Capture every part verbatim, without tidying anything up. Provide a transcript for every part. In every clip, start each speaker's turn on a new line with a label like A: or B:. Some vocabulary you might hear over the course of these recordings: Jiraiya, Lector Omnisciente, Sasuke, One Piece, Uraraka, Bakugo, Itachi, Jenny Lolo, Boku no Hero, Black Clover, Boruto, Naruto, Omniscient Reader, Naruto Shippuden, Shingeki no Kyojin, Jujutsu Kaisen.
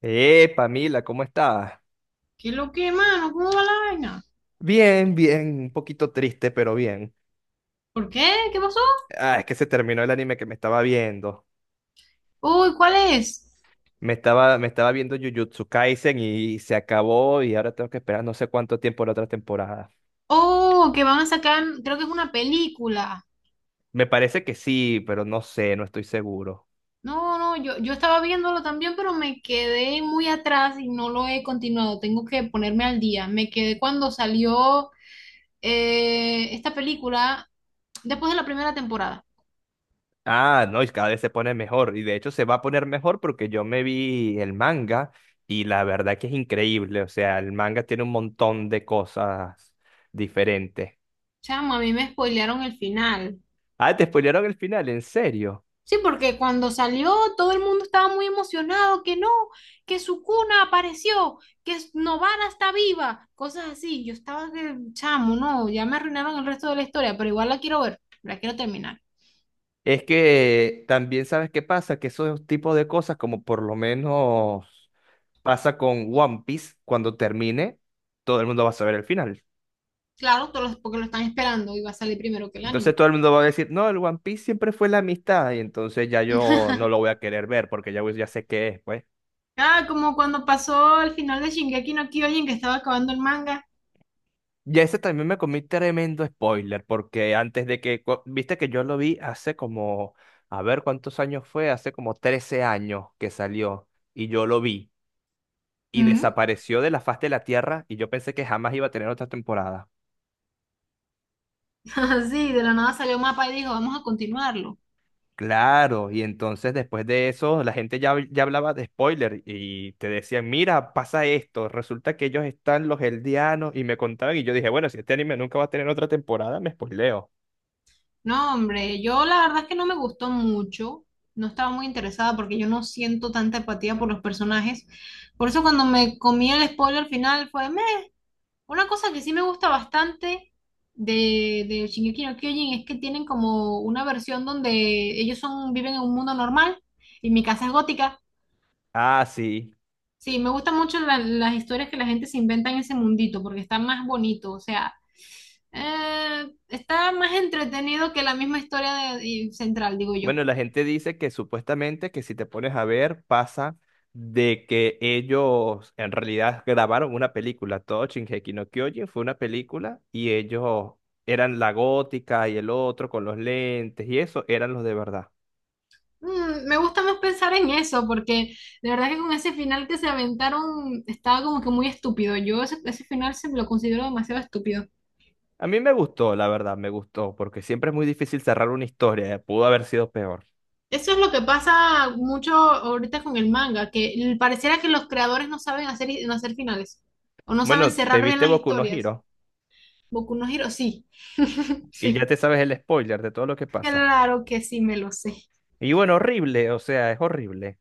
A: Eh, Pamila, ¿cómo estás?
B: ¿Qué lo que, mano? ¿Cómo va la vaina?
A: Bien, bien, un poquito triste, pero bien.
B: ¿Por qué? ¿Qué pasó?
A: Ah, es que se terminó el anime que me estaba viendo.
B: Uy, ¿cuál es?
A: Me estaba, me estaba viendo Jujutsu Kaisen y se acabó y ahora tengo que esperar no sé cuánto tiempo la otra temporada.
B: Oh, que van a sacar, creo que es una película.
A: Me parece que sí, pero no sé, no estoy seguro.
B: No, no, yo, yo estaba viéndolo también, pero me quedé muy atrás y no lo he continuado. Tengo que ponerme al día. Me quedé cuando salió eh, esta película después de la primera temporada.
A: Ah, no, y cada vez se pone mejor. Y de hecho se va a poner mejor porque yo me vi el manga y la verdad que es increíble. O sea, el manga tiene un montón de cosas diferentes.
B: O sea, a mí me spoilearon el final.
A: Ah, te spoilearon el final, ¿en serio?
B: Sí, porque cuando salió todo el mundo estaba muy emocionado, que no, que su cuna apareció, que s- Novara está viva, cosas así. Yo estaba que, chamo, no, ya me arruinaron el resto de la historia, pero igual la quiero ver, la quiero terminar.
A: Es que también sabes qué pasa, que esos tipos de cosas, como por lo menos pasa con One Piece, cuando termine, todo el mundo va a saber el final.
B: Claro, todos los- porque lo están esperando y va a salir primero que el
A: Entonces
B: anime.
A: todo el mundo va a decir, no, el One Piece siempre fue la amistad, y entonces ya yo no lo voy a querer ver, porque ya, voy- ya sé qué es, pues.
B: Ah, como cuando pasó el final de Shingeki no Kyojin que estaba acabando el manga.
A: Y ese también me comí tremendo spoiler, porque antes de que, cu- viste que yo lo vi hace como, a ver cuántos años fue, hace como trece años que salió, y yo lo vi y
B: Ujú.
A: desapareció de la faz de la Tierra y yo pensé que jamás iba a tener otra temporada.
B: Así, de la nada salió mapa y dijo, vamos a continuarlo.
A: Claro, y entonces después de eso la gente ya, ya hablaba de spoiler y te decían, mira, pasa esto, resulta que ellos están los Eldianos y me contaban y yo dije, bueno, si este anime nunca va a tener otra temporada, me spoileo.
B: No, hombre, yo la verdad es que no me gustó mucho, no estaba muy interesada porque yo no siento tanta empatía por los personajes. Por eso cuando me comí el spoiler final fue "Meh". Una cosa que sí me gusta bastante de, de Shingeki no Kyojin es que tienen como una versión donde ellos son, viven en un mundo normal y mi casa es gótica.
A: Ah, sí.
B: Sí, me gustan mucho la- las historias que la gente se inventa en ese mundito porque está más bonito, o sea, eh, está más entretenido que la misma historia de- y central, digo yo.
A: Bueno, la gente dice que supuestamente que si te pones a ver pasa de que ellos en realidad grabaron una película. Todo Shingeki no Kyojin fue una película y ellos eran la gótica y el otro con los lentes y eso eran los de verdad.
B: Mm, me gusta más pensar en eso, porque de verdad que con ese final que se aventaron estaba como que muy estúpido. Yo ese, ese final se lo considero demasiado estúpido.
A: A mí me gustó, la verdad, me gustó, porque siempre es muy difícil cerrar una historia, eh, Pudo haber sido peor.
B: Eso es lo que pasa mucho ahorita con el manga, que l- pareciera que los creadores no saben hacer, no hacer finales, o no saben
A: Bueno, te
B: cerrar bien
A: viste
B: las
A: Boku no
B: historias.
A: Hero
B: Boku no Hero, sí.
A: y ya
B: Sí.
A: te sabes el spoiler de todo lo que pasa.
B: Claro que sí, me lo sé.
A: Y bueno, horrible, o sea, es horrible.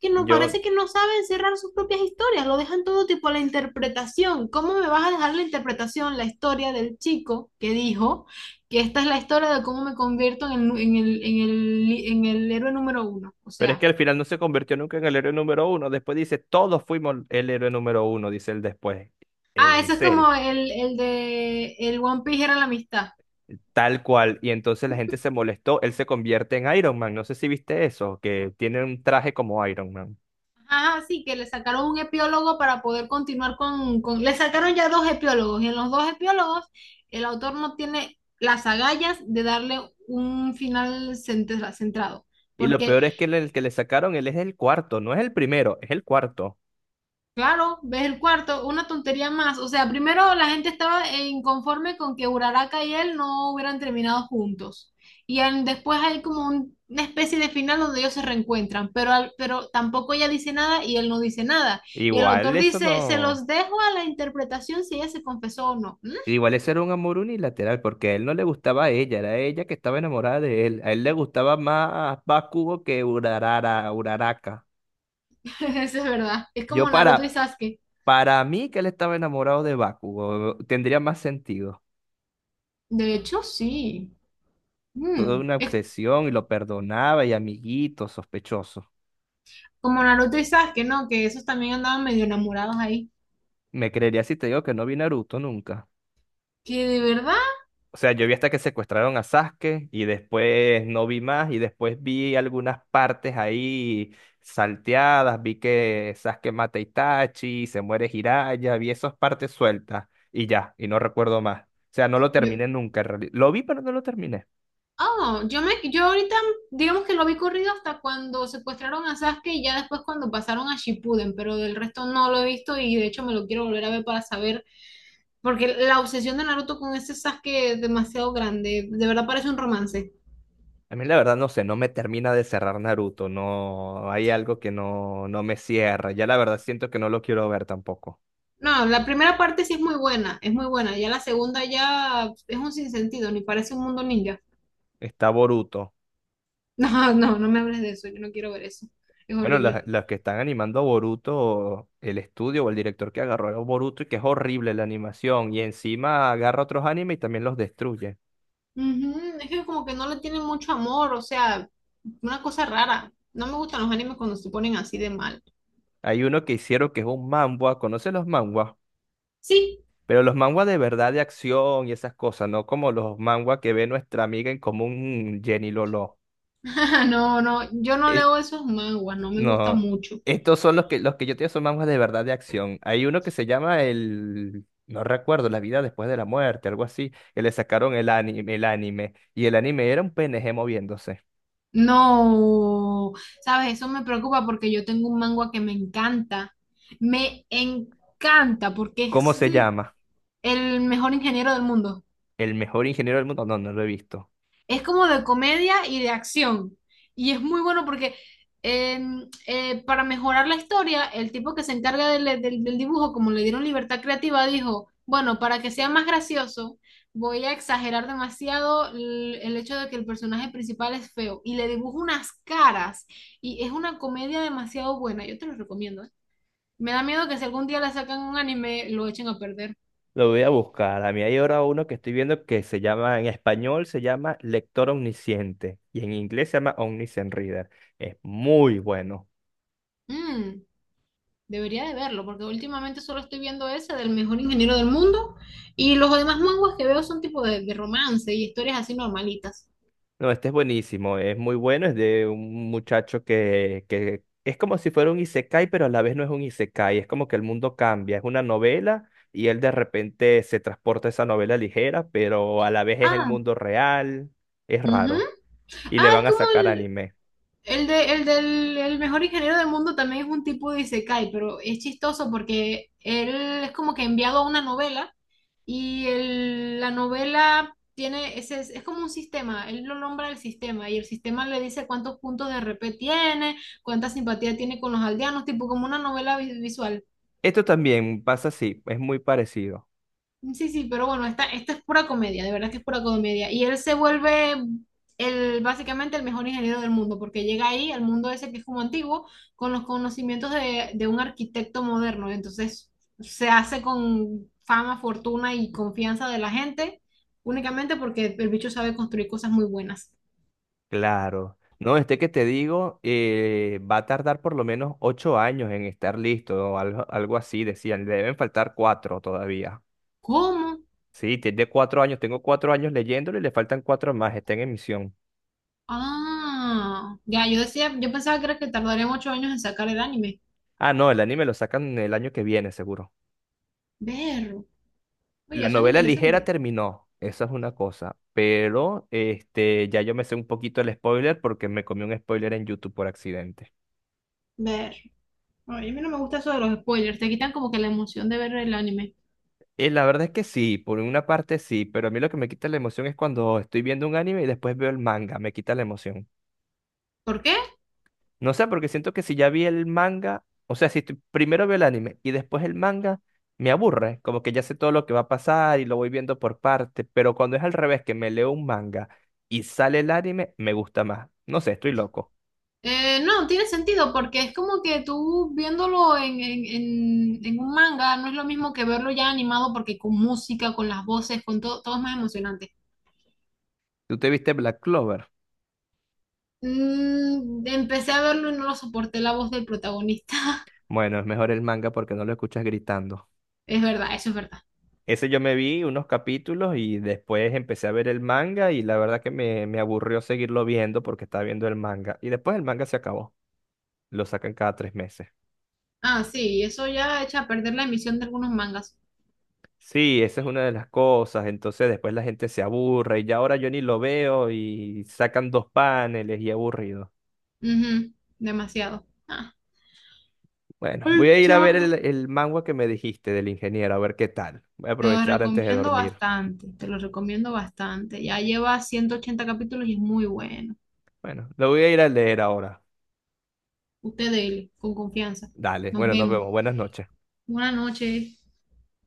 B: Que no parece
A: Yo
B: que no saben cerrar sus propias historias, lo dejan todo tipo a la interpretación. ¿Cómo me vas a dejar la interpretación, la historia del chico que dijo que esta es la historia de cómo me convierto en el, en el, en el, en el héroe número uno? O
A: pero es que
B: sea,
A: al final no se convirtió nunca en el héroe número uno. Después dice, todos fuimos el héroe número uno, dice él después.
B: ah,
A: En
B: eso es
A: serio,
B: como el, el de el One Piece era la amistad.
A: tal cual. Y entonces la gente se molestó. Él se convierte en Iron Man. No sé si viste eso, que tiene un traje como Iron Man.
B: Ah, sí, que le sacaron un epiólogo para poder continuar con, con- Le sacaron ya dos epiólogos y en los dos epiólogos el autor no tiene las agallas de darle un final centra- centrado,
A: Y lo
B: porque
A: peor es que el, el que le sacaron, él es el cuarto, no es el primero, es el cuarto.
B: claro, ves el cuarto, una tontería más. O sea, primero la gente estaba eh, inconforme con que Uraraka y él no hubieran terminado juntos. Y en- después hay como un- una especie de final donde ellos se reencuentran, pero, al- pero tampoco ella dice nada y él no dice nada. Y el
A: Igual
B: autor
A: eso
B: dice, se
A: no.
B: los dejo a la interpretación si ella se confesó o no. ¿Mm?
A: Igual eso era un amor unilateral, porque a él no le gustaba a ella, era ella que estaba enamorada de él. A él le gustaba más Bakugo que Urarara, Uraraka.
B: Eso es verdad. Es
A: Yo
B: como Naruto y
A: para,
B: Sasuke.
A: Para mí que él estaba enamorado de Bakugo, tendría más sentido.
B: De hecho, sí.
A: Toda
B: Mm.
A: una
B: Es
A: obsesión y lo perdonaba y amiguito, sospechoso.
B: como Naruto y Sasuke, ¿no? Que esos también andaban medio enamorados ahí.
A: Me creería si te digo que no vi Naruto nunca.
B: Que de verdad...
A: O sea, yo vi hasta que secuestraron a Sasuke y después no vi más y después vi algunas partes ahí salteadas, vi que Sasuke mata a Itachi, se muere Jiraiya, vi esas partes sueltas y ya, y no recuerdo más. O sea, no lo
B: Yo,
A: terminé nunca en realidad. Lo vi, pero no lo terminé.
B: Oh, yo me, yo ahorita digamos que lo vi corrido hasta cuando secuestraron a Sasuke y ya después cuando pasaron a Shippuden, pero del resto no lo he visto y de hecho me lo quiero volver a ver para saber, porque la obsesión de Naruto con ese Sasuke es demasiado grande, de verdad parece un romance.
A: A mí la verdad no sé, no me termina de cerrar Naruto, no hay algo que no, no me cierra. Ya la verdad siento que no lo quiero ver tampoco.
B: No, la primera parte sí es muy buena, es muy buena, ya la segunda ya es un sinsentido, ni parece un mundo ninja.
A: Está Boruto.
B: No, no, no me hables de eso, yo no quiero ver eso, es
A: Bueno, la-
B: horrible.
A: las que están animando a Boruto, el estudio o el director que agarró a Boruto y que es horrible la animación y encima agarra otros animes y también los destruye.
B: Ujú. Es que como que no le tienen mucho amor, o sea, una cosa rara. No me gustan los animes cuando se ponen así de mal.
A: Hay uno que hicieron que es un manhwa, ¿conoce los manhwas?
B: Sí,
A: Pero los manhwa de verdad de acción y esas cosas, no como los manhwa que ve nuestra amiga en común Jenny Lolo.
B: no, no, yo no leo esos manguas, no me gusta
A: No,
B: mucho.
A: estos son los que, los que yo te digo son mangas de verdad de acción. Hay uno que se llama el, no recuerdo, La vida después de la muerte, algo así, que le sacaron el anime, el anime, y el anime era un P N G moviéndose.
B: No, sabes, eso me preocupa porque yo tengo un mangua que me encanta, me encanta porque
A: ¿Cómo
B: es
A: se llama?
B: el mejor ingeniero del mundo.
A: El mejor ingeniero del mundo. No, no lo he visto.
B: Es como de comedia y de acción. Y es muy bueno porque em, eh, para mejorar la historia, el tipo que se encarga del, del- del dibujo, como le dieron libertad creativa, dijo, bueno, para que sea más gracioso, voy a exagerar demasiado el, el hecho de que el personaje principal es feo. Y le dibujo unas caras. Y es una comedia demasiado buena. Yo te lo recomiendo, ¿eh? Me da miedo que si algún día le sacan un anime, lo echen a perder.
A: Lo voy a buscar. A mí hay ahora uno que estoy viendo que se llama, en español se llama Lector Omnisciente, y en inglés se llama Omniscient Reader. Es muy bueno.
B: Mm. Debería de verlo, porque últimamente solo estoy viendo ese del mejor ingeniero del mundo y los demás manguas que veo son tipo de, de romance y historias así normalitas.
A: No, este es buenísimo, es muy bueno, es de un muchacho que, que es como si fuera un isekai, pero a la vez no es un isekai, es como que el mundo cambia, es una novela y él de repente se transporta a esa novela ligera, pero a la vez es el
B: Ah.
A: mundo real, es
B: Ujú.
A: raro, y
B: Ah,
A: le van
B: es
A: a
B: como
A: sacar anime.
B: El, de, el del el mejor ingeniero del mundo también es un tipo de isekai, pero es chistoso porque él es como que enviado a una novela y el- la novela tiene, ese, es como un sistema, él lo nombra el sistema y el sistema le dice cuántos puntos de R P tiene, cuánta simpatía tiene con los aldeanos, tipo como una novela vi- visual.
A: Esto también pasa así, es muy parecido.
B: Sí, sí, pero bueno, esta, esta es pura comedia, de verdad que es pura comedia. Y él se vuelve el, básicamente el mejor ingeniero del mundo, porque llega ahí al mundo ese que es como antiguo, con los conocimientos de, de un arquitecto moderno. Entonces se hace con fama, fortuna y confianza de la gente, únicamente porque el bicho sabe construir cosas muy buenas.
A: Claro. No, este que te digo eh, va a tardar por lo menos ocho años en estar listo, o algo, algo así decían. Le deben faltar cuatro todavía.
B: ¿Cómo?
A: Sí, tiene cuatro años. Tengo cuatro años leyéndolo y le faltan cuatro más. Está en emisión.
B: Ah, ya, yo decía, yo pensaba que era que tardarían ocho años en sacar el anime.
A: Ah, no, el anime lo sacan el año que viene, seguro.
B: Ver,
A: La
B: oye, suena
A: novela ligera
B: interesante.
A: terminó. Esa es una cosa. Pero este, ya yo me sé un poquito el spoiler porque me comí un spoiler en YouTube por accidente.
B: Ver. Ay, a mí no me gusta eso de los spoilers, te quitan como que la emoción de ver el anime.
A: Y la verdad es que sí, por una parte sí, pero a mí lo que me quita la emoción es cuando estoy viendo un anime y después veo el manga, me quita la emoción.
B: ¿Por qué?
A: No sé, porque siento que si ya vi el manga, o sea, si estoy- primero veo el anime y después el manga, me aburre, como que ya sé todo lo que va a pasar y lo voy viendo por parte, pero cuando es al revés, que me leo un manga y sale el anime, me gusta más. No sé, estoy loco.
B: Eh, no, tiene sentido, porque es como que tú viéndolo en, en, en- en un manga no es lo mismo que verlo ya animado, porque con música, con las voces, con todo, todo es más emocionante.
A: ¿Tú te viste Black Clover?
B: Mm, empecé a verlo y no lo soporté la voz del protagonista.
A: Bueno, es mejor el manga porque no lo escuchas gritando.
B: Es verdad, eso es verdad.
A: Ese yo me vi unos capítulos y después empecé a ver el manga y la verdad que me, me aburrió seguirlo viendo porque estaba viendo el manga. Y después el manga se acabó. Lo sacan cada tres meses.
B: Ah, sí, eso ya echa a perder la emisión de algunos mangas.
A: Sí, esa es una de las cosas. Entonces después la gente se aburre y ya ahora yo ni lo veo y sacan dos paneles y aburrido.
B: Ujú, demasiado. Ah.
A: Bueno, voy a ir a ver el, el manga que me dijiste del ingeniero, a ver qué tal. Voy a
B: Te lo
A: aprovechar antes de
B: recomiendo
A: dormir.
B: bastante, te lo recomiendo bastante. Ya lleva ciento ochenta capítulos y es muy bueno.
A: Bueno, lo voy a ir a leer ahora.
B: Usted dele, con confianza.
A: Dale,
B: Nos
A: bueno, nos
B: vemos.
A: vemos. Buenas noches.
B: Buenas noches.